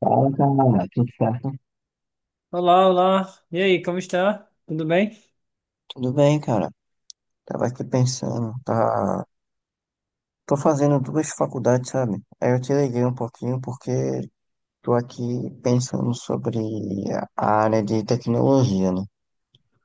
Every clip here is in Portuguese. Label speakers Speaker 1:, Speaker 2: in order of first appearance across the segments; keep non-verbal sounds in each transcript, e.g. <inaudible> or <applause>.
Speaker 1: Fala, cara, tudo certo?
Speaker 2: Olá, olá. E aí, como está? Tudo bem?
Speaker 1: Tudo bem, cara. Tava aqui pensando, tá... Tô fazendo duas faculdades, sabe? Aí eu te liguei um pouquinho porque tô aqui pensando sobre a área de tecnologia, né?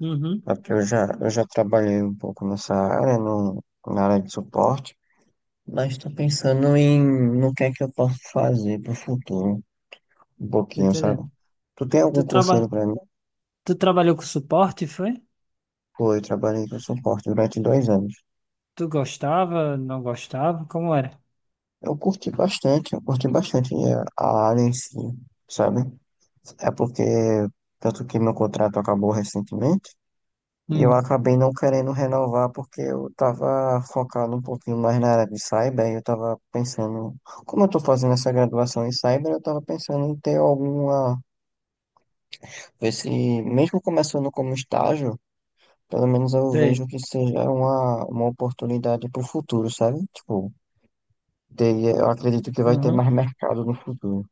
Speaker 2: Uhum,
Speaker 1: Porque eu já trabalhei um pouco nessa área, no, na área de suporte, mas tô pensando em no que é que eu posso fazer pro futuro, um
Speaker 2: tô
Speaker 1: pouquinho, sabe?
Speaker 2: entendendo.
Speaker 1: Tu tem
Speaker 2: Tu,
Speaker 1: algum
Speaker 2: traba...
Speaker 1: conselho pra mim?
Speaker 2: tu trabalhou com suporte, foi?
Speaker 1: Pô, eu trabalhei com suporte durante 2 anos.
Speaker 2: Tu gostava, não gostava? Como era?
Speaker 1: Eu curti bastante a área em si, sabe? É porque, tanto que meu contrato acabou recentemente, e eu
Speaker 2: Hum,
Speaker 1: acabei não querendo renovar porque eu tava focado um pouquinho mais na área de cyber, e eu tava pensando, como eu tô fazendo essa graduação em cyber, eu tava pensando em ter alguma, ver se, mesmo começando como estágio, pelo menos eu
Speaker 2: sei.
Speaker 1: vejo que seja uma oportunidade pro futuro, sabe? Tipo, eu acredito que vai ter
Speaker 2: Uhum.
Speaker 1: mais mercado no futuro.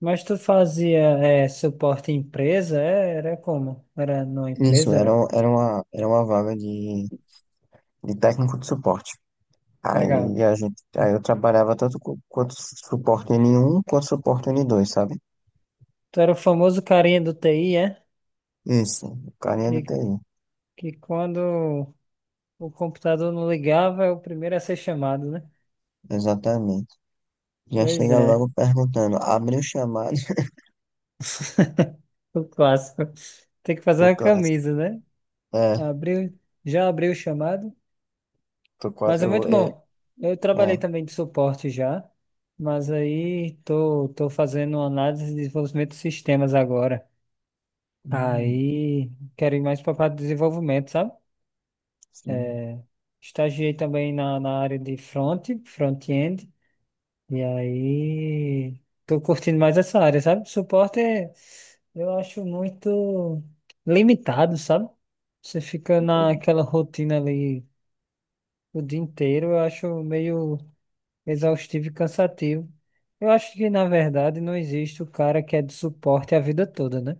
Speaker 2: Mas tu fazia é, suporte em empresa? É, era como? Era numa
Speaker 1: Isso,
Speaker 2: empresa?
Speaker 1: era,
Speaker 2: Era
Speaker 1: era uma, era uma vaga de técnico de suporte.
Speaker 2: legal.
Speaker 1: Aí, a gente, aí eu trabalhava tanto quanto suporte N1 quanto suporte N2, sabe?
Speaker 2: Tu era o famoso carinha do TI, é?
Speaker 1: Isso, o carinha do
Speaker 2: Que,
Speaker 1: TI,
Speaker 2: que quando o computador não ligava, é o primeiro a ser chamado, né?
Speaker 1: exatamente. Já
Speaker 2: Pois
Speaker 1: chega
Speaker 2: é,
Speaker 1: logo perguntando, abriu o chamado,
Speaker 2: o clássico. Tem que
Speaker 1: <laughs>
Speaker 2: fazer
Speaker 1: o
Speaker 2: uma
Speaker 1: clássico.
Speaker 2: camisa, né?
Speaker 1: É,
Speaker 2: Abriu, já abriu o chamado,
Speaker 1: tô
Speaker 2: mas
Speaker 1: quase,
Speaker 2: é
Speaker 1: eu vou,
Speaker 2: muito
Speaker 1: é,
Speaker 2: bom. Eu trabalhei
Speaker 1: é.
Speaker 2: também de suporte já, mas aí tô fazendo uma análise de desenvolvimento de sistemas agora.
Speaker 1: Hum,
Speaker 2: Aí quero ir mais para a parte de desenvolvimento, sabe?
Speaker 1: sim,
Speaker 2: É, estagiei também na área de front-end, e aí tô curtindo mais essa área, sabe? Suporte, eu acho muito limitado, sabe? Você fica naquela rotina ali o dia inteiro, eu acho meio exaustivo e cansativo. Eu acho que, na verdade, não existe o cara que é de suporte a vida toda, né?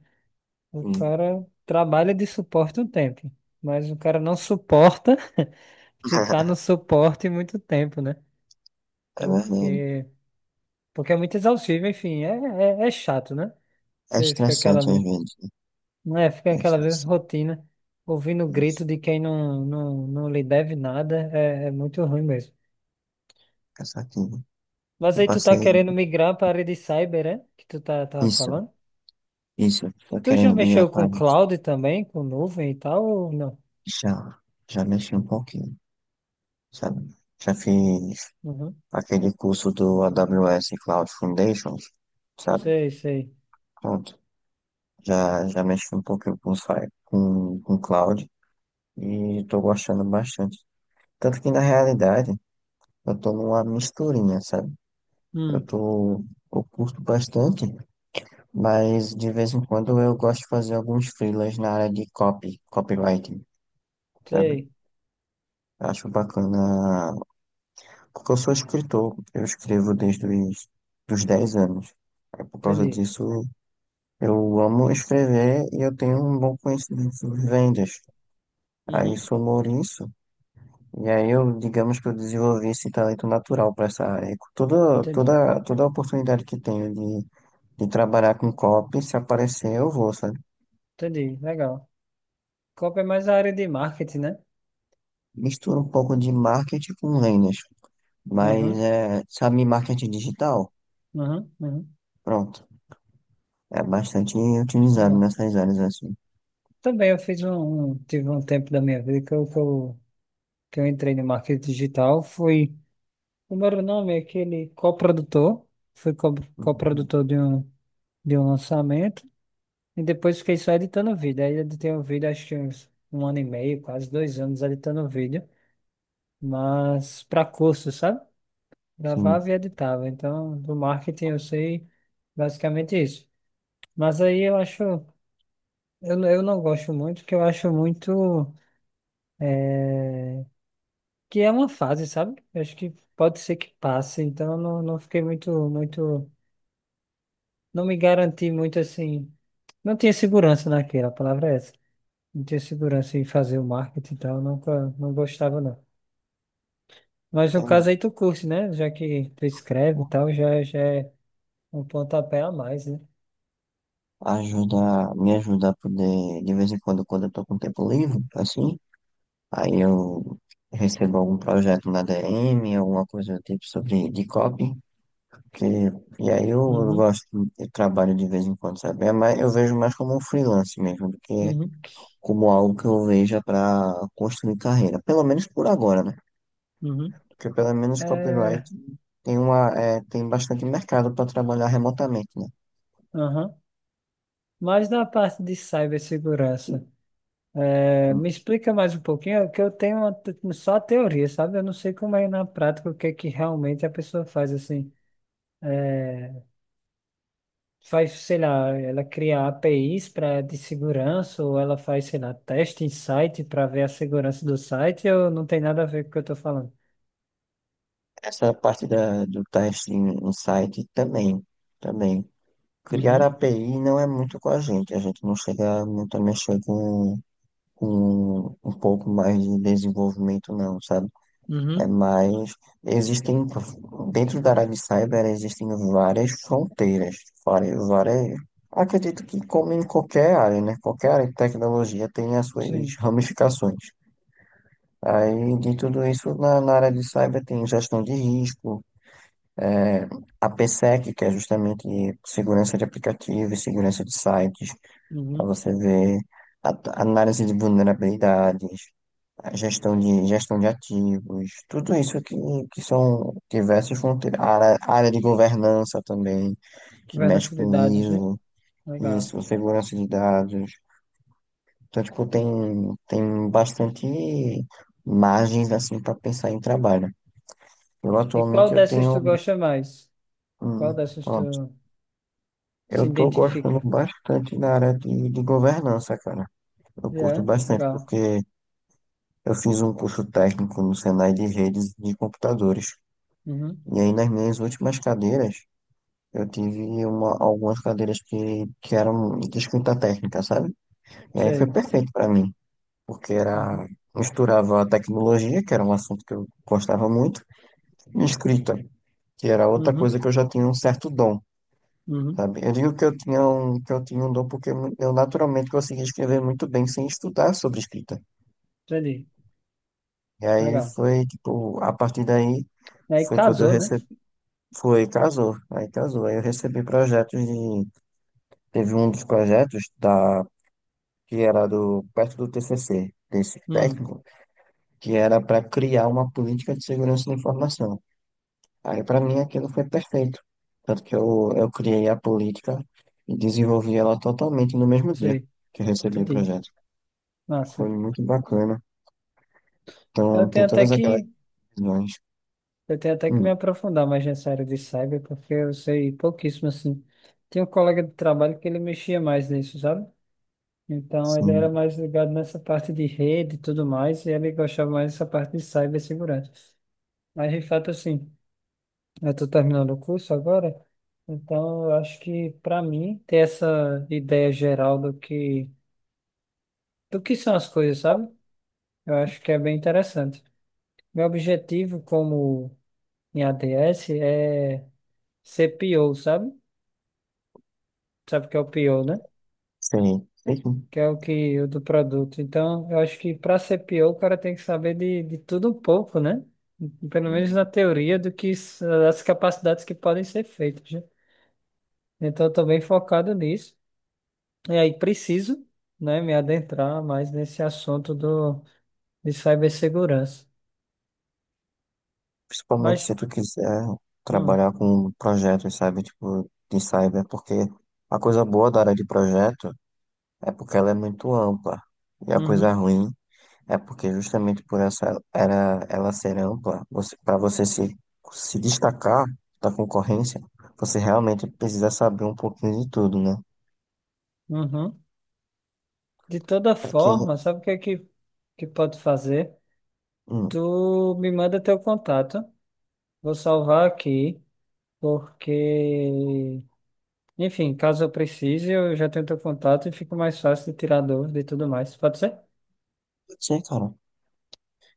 Speaker 2: O
Speaker 1: sim.
Speaker 2: cara trabalha de suporte um tempo, mas o cara não suporta <laughs> ficar no
Speaker 1: <laughs>
Speaker 2: suporte muito tempo, né?
Speaker 1: É verdade.
Speaker 2: Porque, porque é muito exaustivo, enfim, é chato, né?
Speaker 1: É
Speaker 2: Você fica aquela,
Speaker 1: estressante às vezes, né?
Speaker 2: não é, fica
Speaker 1: É
Speaker 2: aquela mesma
Speaker 1: estressante,
Speaker 2: rotina, ouvindo o
Speaker 1: isso,
Speaker 2: grito de quem não lhe deve nada, é muito ruim mesmo.
Speaker 1: cansativo.
Speaker 2: Mas
Speaker 1: Eu
Speaker 2: aí tu tá
Speaker 1: passei,
Speaker 2: querendo migrar para a área de cyber, é? Que tu tava
Speaker 1: isso,
Speaker 2: falando.
Speaker 1: isso, tô
Speaker 2: Tu já
Speaker 1: querendo migrar
Speaker 2: mexeu
Speaker 1: para
Speaker 2: com
Speaker 1: área.
Speaker 2: cloud também, com nuvem e tal, ou não?
Speaker 1: Já, já mexi um pouquinho, sabe? Já fiz
Speaker 2: Uhum.
Speaker 1: aquele curso do AWS Cloud Foundations, sabe?
Speaker 2: Sei, sei.
Speaker 1: Pronto, já, já mexi um pouquinho com, com cloud e tô gostando bastante. Tanto que na realidade eu tô numa misturinha, sabe? Eu
Speaker 2: Hum,
Speaker 1: tô, eu curto bastante, mas de vez em quando eu gosto de fazer alguns freelas na área de copy, copywriting, sabe?
Speaker 2: sei.
Speaker 1: Acho bacana. Porque eu sou escritor, eu escrevo desde os dos 10 anos. É por causa
Speaker 2: Entendi.
Speaker 1: disso, eu amo escrever e eu tenho um bom conhecimento sobre vendas. Aí
Speaker 2: Uhum.
Speaker 1: somou isso, e aí eu, digamos que eu desenvolvi esse talento natural para essa área. E Toda,
Speaker 2: Entendi.
Speaker 1: toda, toda oportunidade que tenho de trabalhar com copy, se aparecer, eu vou, sabe?
Speaker 2: Entendi. Legal. Copa é mais a área de marketing, né?
Speaker 1: Misturo um pouco de marketing com vendas, mas,
Speaker 2: Uhum.
Speaker 1: é, sabe, marketing digital?
Speaker 2: Uhum. Uhum.
Speaker 1: Pronto, é bastante utilizado
Speaker 2: Legal.
Speaker 1: nessas áreas assim.
Speaker 2: Também eu fiz tive um tempo da minha vida que eu entrei no marketing digital. O meu nome é aquele coprodutor. Fui
Speaker 1: Uhum.
Speaker 2: coprodutor de um lançamento. E depois fiquei só editando vídeo. Aí editei o vídeo acho que uns um ano e meio, quase 2 anos editando vídeo. Mas para curso, sabe? Gravava
Speaker 1: Sim,
Speaker 2: e editava. Então, do marketing eu sei basicamente isso. Mas aí eu acho, eu não gosto muito, porque eu acho muito eh, que é uma fase, sabe? Eu acho que pode ser que passe. Então, eu não fiquei muito, muito, não me garanti muito assim. Não tinha segurança naquilo, a palavra é essa. Não tinha segurança em fazer o marketing e tal, nunca, não gostava não. Mas no caso
Speaker 1: quero
Speaker 2: aí tu curte, né? Já que tu escreve e tal, já é um pontapé a mais, né?
Speaker 1: ajudar, me ajudar a poder, de vez em quando, quando eu tô com tempo livre, assim, aí eu recebo algum projeto na DM, alguma coisa do tipo sobre de copy, que, e aí eu
Speaker 2: Uhum,
Speaker 1: gosto, eu trabalho de vez em quando, sabe? É mais, eu vejo mais como um freelance mesmo, do que
Speaker 2: uhum,
Speaker 1: como algo que eu veja para construir carreira, pelo menos por agora, né?
Speaker 2: uhum.
Speaker 1: Porque pelo menos copyright
Speaker 2: É,
Speaker 1: tem uma, é, tem bastante mercado para trabalhar remotamente, né?
Speaker 2: aham. Mas na parte de cibersegurança, é, me explica mais um pouquinho, é que eu tenho só a teoria, sabe? Eu não sei como é na prática, o que é que realmente a pessoa faz, assim. É, faz, sei lá, ela cria APIs para de segurança ou ela faz, sei lá, teste em site para ver a segurança do site ou não tem nada a ver com o que eu estou falando?
Speaker 1: Essa parte da, do teste em site também, também. Criar
Speaker 2: Uhum,
Speaker 1: API não é muito com a gente não chega muito a mexer com um pouco mais de desenvolvimento não, sabe? É
Speaker 2: uhum,
Speaker 1: mais, existem, dentro da área de cyber existem várias fronteiras, várias, várias, acredito que como em qualquer área, né? Qualquer área de tecnologia tem as suas
Speaker 2: sim,
Speaker 1: ramificações. Aí, de tudo isso, na área de cyber tem gestão de risco, é, a PSEC, que é justamente segurança de aplicativos, segurança de sites, para
Speaker 2: uhum.
Speaker 1: você ver a- a análise de vulnerabilidades, a gestão de ativos, tudo isso que são diversas fronteiras. A área de governança também, que mexe
Speaker 2: Governança de
Speaker 1: com
Speaker 2: dados, né?
Speaker 1: ISO,
Speaker 2: Legal.
Speaker 1: isso, segurança de dados. Então, tipo, tem, tem bastante margens assim para pensar em trabalho. Eu
Speaker 2: E
Speaker 1: atualmente
Speaker 2: qual
Speaker 1: eu
Speaker 2: dessas tu
Speaker 1: tenho,
Speaker 2: gosta mais? Qual dessas tu
Speaker 1: hum,
Speaker 2: se
Speaker 1: eu tô gostando
Speaker 2: identifica?
Speaker 1: bastante da área de governança, cara. Eu curto
Speaker 2: Yeah,
Speaker 1: bastante
Speaker 2: legal.
Speaker 1: porque eu fiz um curso técnico no Senai de redes de computadores.
Speaker 2: Uhum,
Speaker 1: E aí nas minhas últimas cadeiras, eu tive uma, algumas cadeiras que eram de escrita técnica, sabe? E aí foi
Speaker 2: sei.
Speaker 1: perfeito para mim, porque
Speaker 2: Uhum,
Speaker 1: era misturava a tecnologia, que era um assunto que eu gostava muito, e escrita, que era outra
Speaker 2: uhum,
Speaker 1: coisa que eu já tinha um certo dom.
Speaker 2: uhum.
Speaker 1: Sabe? Eu digo que eu tinha um, que eu tinha um dom porque eu naturalmente conseguia escrever muito bem sem estudar sobre escrita.
Speaker 2: Entendi.
Speaker 1: E aí
Speaker 2: Legal.
Speaker 1: foi, tipo, a partir daí
Speaker 2: Aí
Speaker 1: foi quando eu
Speaker 2: casou, né?
Speaker 1: recebi, foi, casou. Aí eu recebi projetos de, teve um dos projetos da, que era do, perto do TCC, desse
Speaker 2: Hum,
Speaker 1: técnico, que era para criar uma política de segurança da informação. Aí para mim aquilo foi perfeito. Tanto que eu criei a política e desenvolvi ela totalmente no mesmo dia
Speaker 2: sei.
Speaker 1: que eu recebi o
Speaker 2: Entendi.
Speaker 1: projeto. Foi
Speaker 2: Massa.
Speaker 1: muito bacana.
Speaker 2: Eu
Speaker 1: Então, tem
Speaker 2: tenho até
Speaker 1: todas aquelas
Speaker 2: que
Speaker 1: visões.
Speaker 2: Eu tenho até que me
Speaker 1: Hum,
Speaker 2: aprofundar mais nessa área de cyber, porque eu sei pouquíssimo assim. Tinha um colega de trabalho que ele mexia mais nisso, sabe? Então ele era
Speaker 1: sim,
Speaker 2: mais ligado nessa parte de rede e tudo mais, e ele gostava mais dessa parte de cibersegurança. Mas de fato, assim, eu estou terminando o curso agora, então eu acho que para mim ter essa ideia geral do que, são as coisas, sabe? Eu acho que é bem interessante. Meu objetivo como em ADS é ser PO, sabe? Sabe o que é o PO, né?
Speaker 1: sei. Sei sim.
Speaker 2: Que é o que o do produto. Então, eu acho que para ser PO, o cara tem que saber de tudo um pouco, né? Pelo menos na teoria do que as capacidades que podem ser feitas, né? Então, eu estou bem focado nisso. E aí preciso, né, me adentrar mais nesse assunto do de cibersegurança.
Speaker 1: Principalmente
Speaker 2: Mas,
Speaker 1: se tu quiser
Speaker 2: hum,
Speaker 1: trabalhar com projetos, sabe? Tipo, de cyber, porque a coisa boa da área de projeto é porque ela é muito ampla. E a coisa
Speaker 2: uhum,
Speaker 1: ruim é porque justamente por essa era ela ser ampla, você, para você se, se destacar da concorrência, você realmente precisa saber um pouquinho de tudo, né?
Speaker 2: uhum. De toda
Speaker 1: Pra que.
Speaker 2: forma, sabe o que é que pode fazer?
Speaker 1: Hum,
Speaker 2: Tu me manda teu contato. Vou salvar aqui. Porque, enfim, caso eu precise, eu já tenho teu contato e fica mais fácil de tirar dúvida e tudo mais. Pode ser?
Speaker 1: não sei, cara.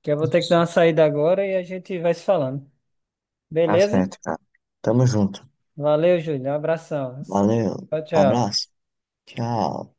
Speaker 2: Que eu vou ter que dar uma saída agora e a gente vai se falando.
Speaker 1: Tá
Speaker 2: Beleza?
Speaker 1: certo, cara. Tamo junto.
Speaker 2: Valeu, Júlio. Um abração.
Speaker 1: Valeu.
Speaker 2: Tchau, tchau.
Speaker 1: Abraço. Tchau.